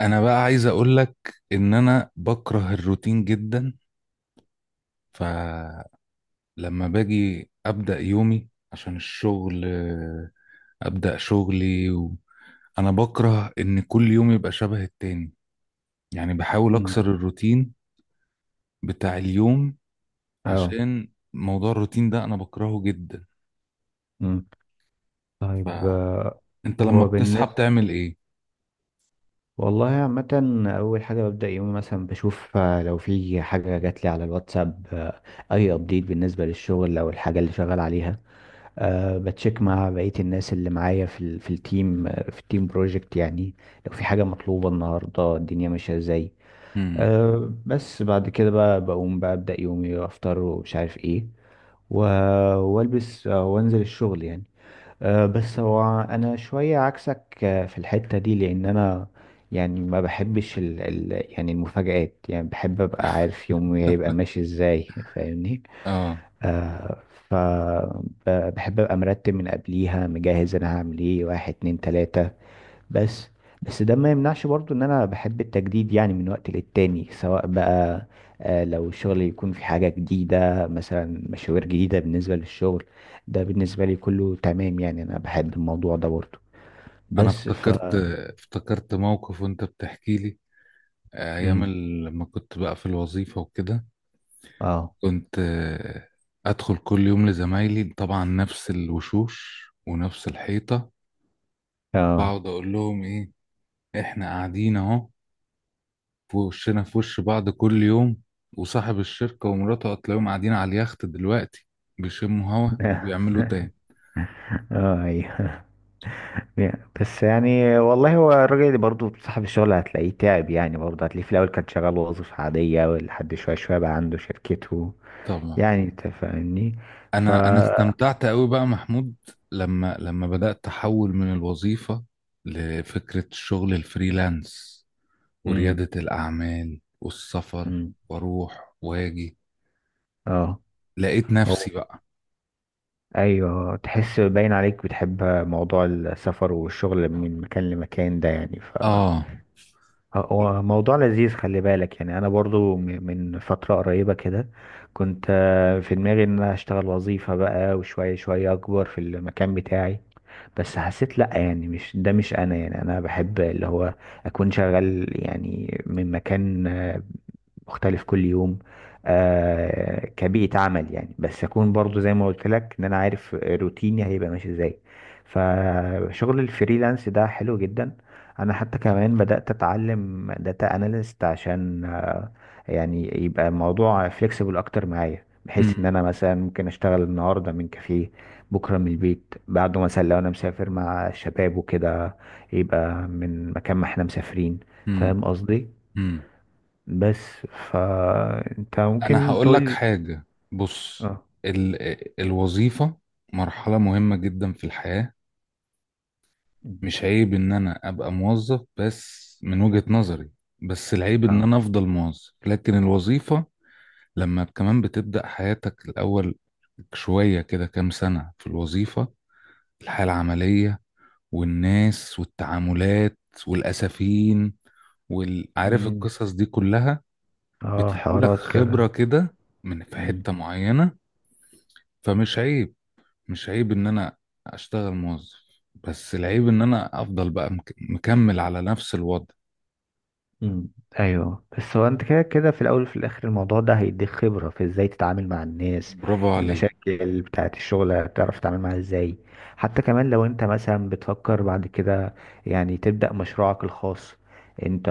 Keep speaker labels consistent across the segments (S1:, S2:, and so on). S1: انا بقى عايز اقول لك ان انا بكره الروتين جدا. فلما باجي ابدا يومي عشان الشغل، ابدا شغلي. انا بكره ان كل يوم يبقى شبه التاني، يعني بحاول
S2: مم.
S1: اكسر الروتين بتاع اليوم،
S2: اه.
S1: عشان موضوع الروتين ده انا بكرهه جدا.
S2: مم. طيب
S1: فانت لما
S2: هو
S1: بتصحى
S2: بالنسبة
S1: بتعمل ايه؟
S2: والله عامة، أول حاجة ببدأ يومي مثلا بشوف لو في حاجة جات لي على الواتساب، أي أبديت بالنسبة للشغل أو الحاجة اللي شغال عليها. بتشيك مع بقية الناس اللي معايا في ال في التيم آه، في التيم بروجكت يعني، لو في حاجة مطلوبة النهاردة، الدنيا ماشية ازاي.
S1: امم
S2: بس بعد كده بقى بقوم بقى أبدأ يومي، أفطر ومش عارف ايه و- والبس، وانزل الشغل يعني. بس هو انا شوية عكسك في الحتة دي، لان انا يعني ما بحبش ال يعني المفاجآت، يعني بحب ابقى عارف يومي هيبقى ماشي ازاي، فاهمني؟
S1: اه،
S2: أه. ف بحب ابقى مرتب من قبليها، مجهز انا هعمل ايه، واحد اتنين تلاتة. بس بس ده ما يمنعش برضو ان انا بحب التجديد يعني من وقت للتاني، سواء بقى لو الشغل يكون في حاجة جديدة مثلا، مشاوير جديدة بالنسبة للشغل، ده بالنسبة لي كله تمام يعني، انا بحب الموضوع ده برضو.
S1: انا
S2: بس
S1: افتكرت موقف وانت بتحكي لي ايام
S2: مم.
S1: لما كنت بقى في الوظيفة وكده.
S2: اه.
S1: كنت ادخل كل يوم لزمايلي، طبعا نفس الوشوش ونفس الحيطه،
S2: اه.
S1: اقعد اقول لهم ايه؟ احنا قاعدين اهو في وشنا في وش بعض كل يوم، وصاحب الشركه ومراته هتلاقيهم قاعدين على اليخت دلوقتي بيشموا هوا وبيعملوا تاني.
S2: اه، ايوه. بس يعني والله، هو الراجل اللي برضه صاحب الشغل هتلاقيه تعب يعني، برضه هتلاقيه في الاول كان شغال وظيفة عادية، ولحد شوية شوية بقى عنده شركته،
S1: طبعا.
S2: يعني انت فاهمني. ف
S1: انا انا استمتعت قوي بقى محمود لما بدات احول من الوظيفه لفكره الشغل الفريلانس ورياده الاعمال والسفر
S2: مم.
S1: واروح واجي.
S2: اه.
S1: لقيت
S2: هو
S1: نفسي بقى.
S2: ايوه، تحس باين عليك بتحب موضوع السفر والشغل من مكان لمكان ده يعني.
S1: اه.
S2: هو موضوع لذيذ، خلي بالك يعني، انا برضو من فترة قريبة كده كنت في دماغي ان انا اشتغل وظيفة بقى، وشوية شوية اكبر في المكان بتاعي، بس حسيت لا، يعني مش ده مش انا، يعني انا بحب اللي هو اكون شغال يعني من مكان مختلف كل يوم، كبيئة عمل يعني، بس أكون برضو زي ما قلت لك إن أنا عارف روتيني هيبقى ماشي إزاي. فشغل الفريلانس ده حلو جدا. أنا حتى كمان بدأت أتعلم داتا أناليست عشان يعني يبقى الموضوع فليكسيبل أكتر معايا، بحيث إن
S1: امم.
S2: أنا مثلا ممكن أشتغل النهاردة من كافيه، بكرة من البيت، بعده مثلا لو أنا مسافر مع الشباب وكده يبقى من مكان ما إحنا مسافرين.
S1: امم.
S2: فاهم قصدي؟
S1: امم،
S2: بس فانت
S1: انا
S2: ممكن
S1: هقول
S2: تقول
S1: لك
S2: لي.
S1: حاجة. بص،
S2: اه.
S1: ال... الوظيفة مرحلة مهمة جدا في الحياة.
S2: مم.
S1: مش عيب ان انا ابقى موظف، بس من وجهة نظري، بس العيب ان
S2: اه.
S1: انا افضل موظف. لكن الوظيفة لما كمان بتبدأ حياتك الاول شوية كده، كام سنة في الوظيفة، الحياة العملية والناس والتعاملات والأسفين، وعارف
S2: مم.
S1: القصص دي كلها،
S2: اه،
S1: بتديلك
S2: حوارات كده.
S1: خبرة كده من في
S2: مم.
S1: حتة معينة. فمش عيب، مش عيب ان انا اشتغل موظف، بس العيب ان انا افضل بقى مكمل على نفس الوضع.
S2: مم. ايوه، بس هو انت كده كده في الاول وفي الاخر الموضوع ده هيديك خبره في ازاي تتعامل مع الناس،
S1: برافو عليك.
S2: المشاكل بتاعه الشغل هتعرف تتعامل معاها ازاي. حتى كمان لو انت مثلا بتفكر بعد كده يعني تبدا مشروعك الخاص انت،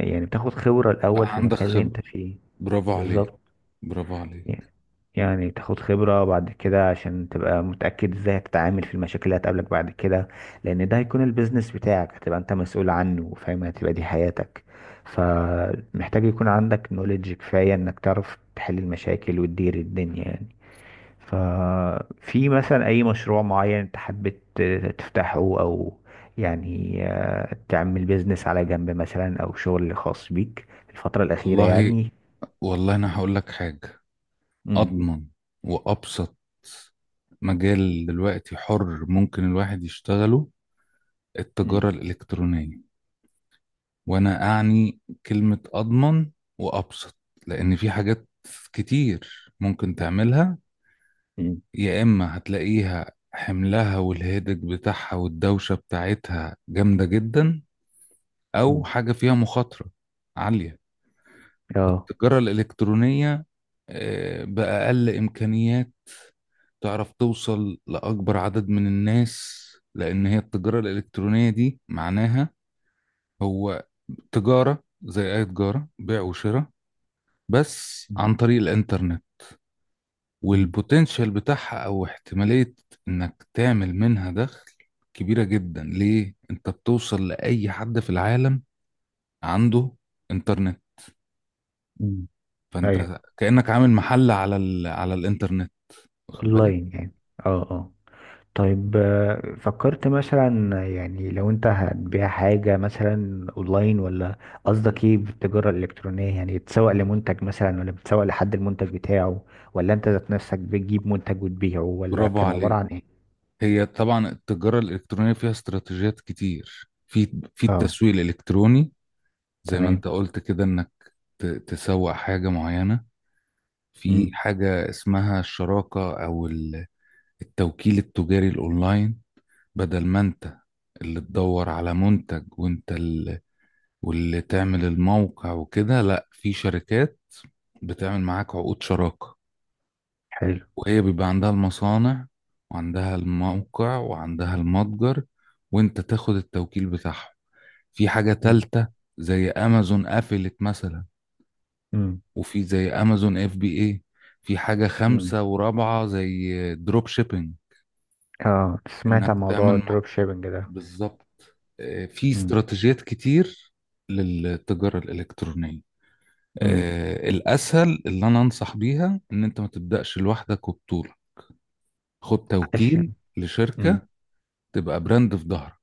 S2: يعني بتاخد خبره
S1: بقى
S2: الاول في
S1: عندك
S2: المكان اللي
S1: خبرة،
S2: انت فيه.
S1: برافو عليك،
S2: بالظبط.
S1: برافو عليك.
S2: يعني تاخد خبرة بعد كده عشان تبقى متأكد ازاي هتتعامل في المشاكل اللي هتقابلك بعد كده، لأن ده هيكون البيزنس بتاعك، هتبقى انت مسؤول عنه وفاهم، هتبقى دي حياتك. فمحتاج يكون عندك نوليدج كفاية انك تعرف تحل المشاكل وتدير الدنيا يعني. ففي مثلا أي مشروع معين انت حبيت تفتحه، أو يعني تعمل بيزنس على جنب مثلا أو شغل خاص بيك الفترة الأخيرة
S1: والله،
S2: يعني؟
S1: انا هقول لك حاجة. اضمن وابسط مجال دلوقتي حر ممكن الواحد يشتغله، التجارة الإلكترونية. وانا اعني كلمة اضمن وابسط، لان في حاجات كتير ممكن تعملها
S2: امم.
S1: يا اما هتلاقيها حملها والهيدج بتاعها والدوشة بتاعتها جامدة جدا، او حاجة فيها مخاطرة عالية.
S2: اه.
S1: التجارة الالكترونية بأقل امكانيات تعرف توصل لاكبر عدد من الناس، لان هي التجارة الالكترونية دي معناها هو تجارة زي اي تجارة بيع وشراء، بس عن طريق الانترنت.
S2: مم.
S1: والبوتنشال بتاعها او احتمالية انك تعمل منها دخل كبيرة جدا، ليه؟ انت بتوصل لأي حد في العالم عنده انترنت.
S2: مم. ايوه،
S1: فانت كأنك عامل محل على الانترنت، واخد بالك؟
S2: اونلاين يعني. اه، اه. طيب، فكرت مثلا يعني لو انت هتبيع حاجة مثلا اونلاين، ولا قصدك
S1: مم.
S2: ايه بالتجارة الالكترونية، يعني تسوق لمنتج مثلا، ولا بتسوق لحد المنتج بتاعه، ولا انت ذات نفسك بتجيب منتج وتبيعه، ولا
S1: برافو
S2: كان عبارة
S1: عليك.
S2: عن ايه؟
S1: هي طبعا التجارة الإلكترونية فيها استراتيجيات كتير في
S2: اه،
S1: التسويق الإلكتروني، زي ما
S2: تمام.
S1: انت قلت كده، انك تسوق حاجة معينة. في
S2: امم.
S1: حاجة اسمها الشراكة أو التوكيل التجاري الاونلاين، بدل ما انت اللي تدور على منتج وانت اللي واللي تعمل الموقع وكده. لا، في شركات بتعمل معاك عقود شراكة،
S2: حلو.
S1: وهي بيبقى عندها المصانع وعندها الموقع وعندها المتجر، وانت تاخد التوكيل بتاعهم. في حاجة
S2: امم.
S1: تالتة زي امازون قفلت مثلا،
S2: امم.
S1: وفي زي امازون اف بي اي. في حاجة
S2: امم.
S1: خامسة ورابعة زي دروب شيبينج،
S2: اه، سمعت
S1: انك
S2: عن
S1: تعمل
S2: موضوع الدروب شيبنج ده.
S1: بالظبط. في
S2: امم.
S1: استراتيجيات كتير للتجارة الإلكترونية.
S2: امم.
S1: الأسهل اللي أنا أنصح بيها إن أنت ما تبدأش لوحدك وبطولة، خد توكيل
S2: عشان.
S1: لشركة
S2: امم.
S1: تبقى براند في ظهرك.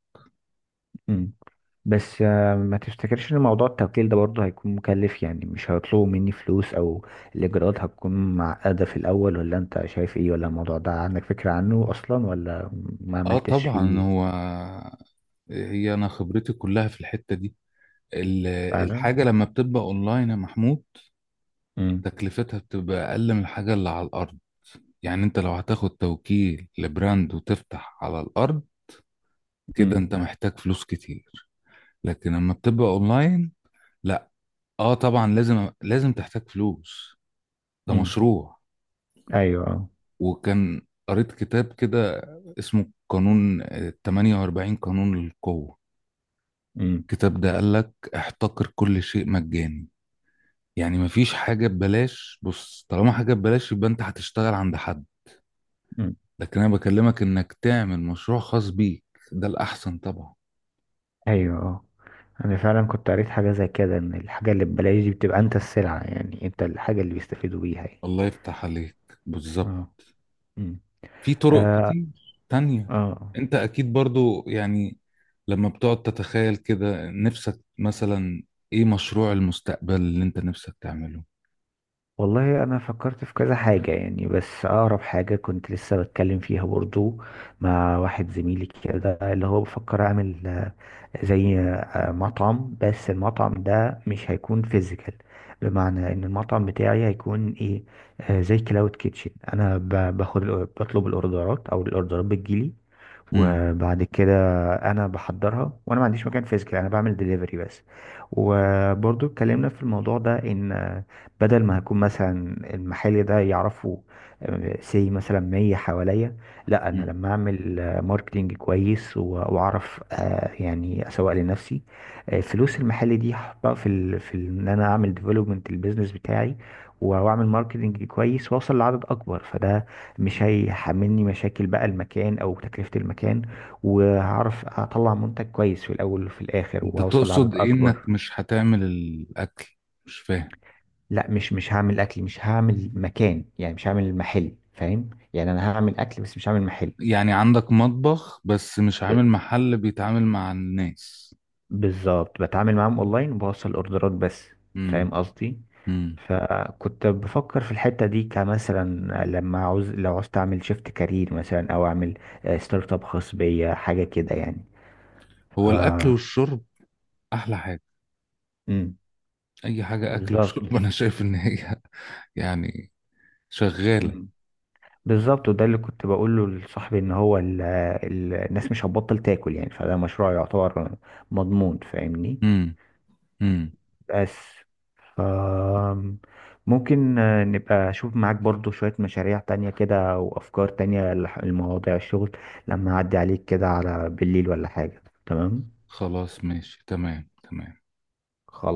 S2: بس ما تفتكرش ان موضوع التوكيل ده برضه هيكون مكلف يعني، مش هيطلبوا مني فلوس او الاجراءات هتكون معقدة في الاول، ولا انت شايف ايه، ولا الموضوع ده عندك فكرة عنه اصلا، ولا ما
S1: آه،
S2: عملتش
S1: طبعا.
S2: فيه؟
S1: هو هي أنا خبرتي كلها في الحتة دي. ال-
S2: فعلا.
S1: الحاجة لما بتبقى أونلاين يا محمود،
S2: امم.
S1: تكلفتها بتبقى أقل من الحاجة اللي على الأرض. يعني أنت لو هتاخد توكيل لبراند وتفتح على الأرض، كده
S2: امم.
S1: أنت محتاج فلوس كتير. لكن لما بتبقى أونلاين، اه طبعا لازم تحتاج فلوس، ده
S2: امم.
S1: مشروع.
S2: ايوه، اه.
S1: وكان قريت كتاب كده اسمه قانون، 48 قانون للقوة.
S2: امم.
S1: الكتاب ده قالك احتقر كل شيء مجاني، يعني مفيش حاجة ببلاش. بص، طالما حاجة ببلاش يبقى انت هتشتغل عند حد،
S2: امم.
S1: لكن انا بكلمك انك تعمل مشروع خاص بيك، ده الاحسن طبعا.
S2: ايوه، اه. انا فعلا كنت قريت حاجة زي كده ان الحاجة اللي ببلاش دي بتبقى انت السلعة يعني، انت الحاجة اللي بيستفيدوا بيها يعني.
S1: الله يفتح عليك. بالظبط.
S2: اه. امم.
S1: في طرق
S2: اه.
S1: كتير تانية.
S2: آه.
S1: انت اكيد برضو، يعني لما بتقعد تتخيل كده نفسك مثلا، ايه مشروع المستقبل اللي انت نفسك تعمله؟
S2: والله انا فكرت في كذا حاجة يعني، بس اقرب حاجة كنت لسه بتكلم فيها برضو مع واحد زميلي كده، اللي هو بفكر اعمل زي مطعم، بس المطعم ده مش هيكون فيزيكال. بمعنى ان المطعم بتاعي هيكون ايه، زي كلاود كيتشن. انا بطلب الاوردرات، او الاوردرات بتجيلي،
S1: امم.
S2: وبعد كده انا بحضرها، وانا ما عنديش مكان فيزيكال، انا بعمل دليفري بس. وبرضو اتكلمنا في الموضوع ده ان بدل ما هكون مثلا المحل ده يعرفه سي مثلا 100 حواليا، لا انا لما اعمل ماركتينج كويس واعرف، يعني اسوق لنفسي، فلوس المحل دي هحطها ان انا اعمل ديفلوبمنت البيزنس بتاعي، واعمل ماركتينج كويس واوصل لعدد اكبر. فده مش هيحملني مشاكل بقى المكان او تكلفة المكان، وهعرف اطلع منتج كويس في الاول وفي الاخر،
S1: انت
S2: وهوصل لعدد
S1: تقصد ايه
S2: اكبر.
S1: انك مش هتعمل الاكل؟ مش فاهم.
S2: لا، مش هعمل اكل، مش هعمل مكان، يعني مش هعمل محل، فاهم يعني؟ انا هعمل اكل بس مش هعمل محل.
S1: يعني عندك مطبخ بس مش
S2: ب-
S1: عامل محل بيتعامل مع الناس؟
S2: بالظبط، بتعامل معاهم اونلاين وبوصل اوردرات بس. فاهم
S1: امم.
S2: قصدي.
S1: امم.
S2: فكنت بفكر في الحتة دي كمثلا، لما عاوز لو عاوز اعمل شيفت كارير مثلا، او اعمل ستارت اب خاص بيا حاجة كده يعني.
S1: هو الاكل
S2: آه.
S1: والشرب احلى حاجة.
S2: امم.
S1: اي حاجة اكل
S2: بالظبط.
S1: وشرب انا شايف ان هي يعني شغالة.
S2: مم. بالظبط، وده اللي كنت بقوله لصاحبي ان هو ال الناس مش هتبطل تاكل، يعني فده مشروع يعتبر مضمون، فاهمني؟
S1: امم. امم.
S2: بس ف ممكن نبقى اشوف معاك برضو شوية مشاريع تانية كده، وافكار تانية لمواضيع الشغل، لما اعدي عليك كده على بالليل ولا حاجة؟ تمام.
S1: خلاص ماشي، تمام تمام.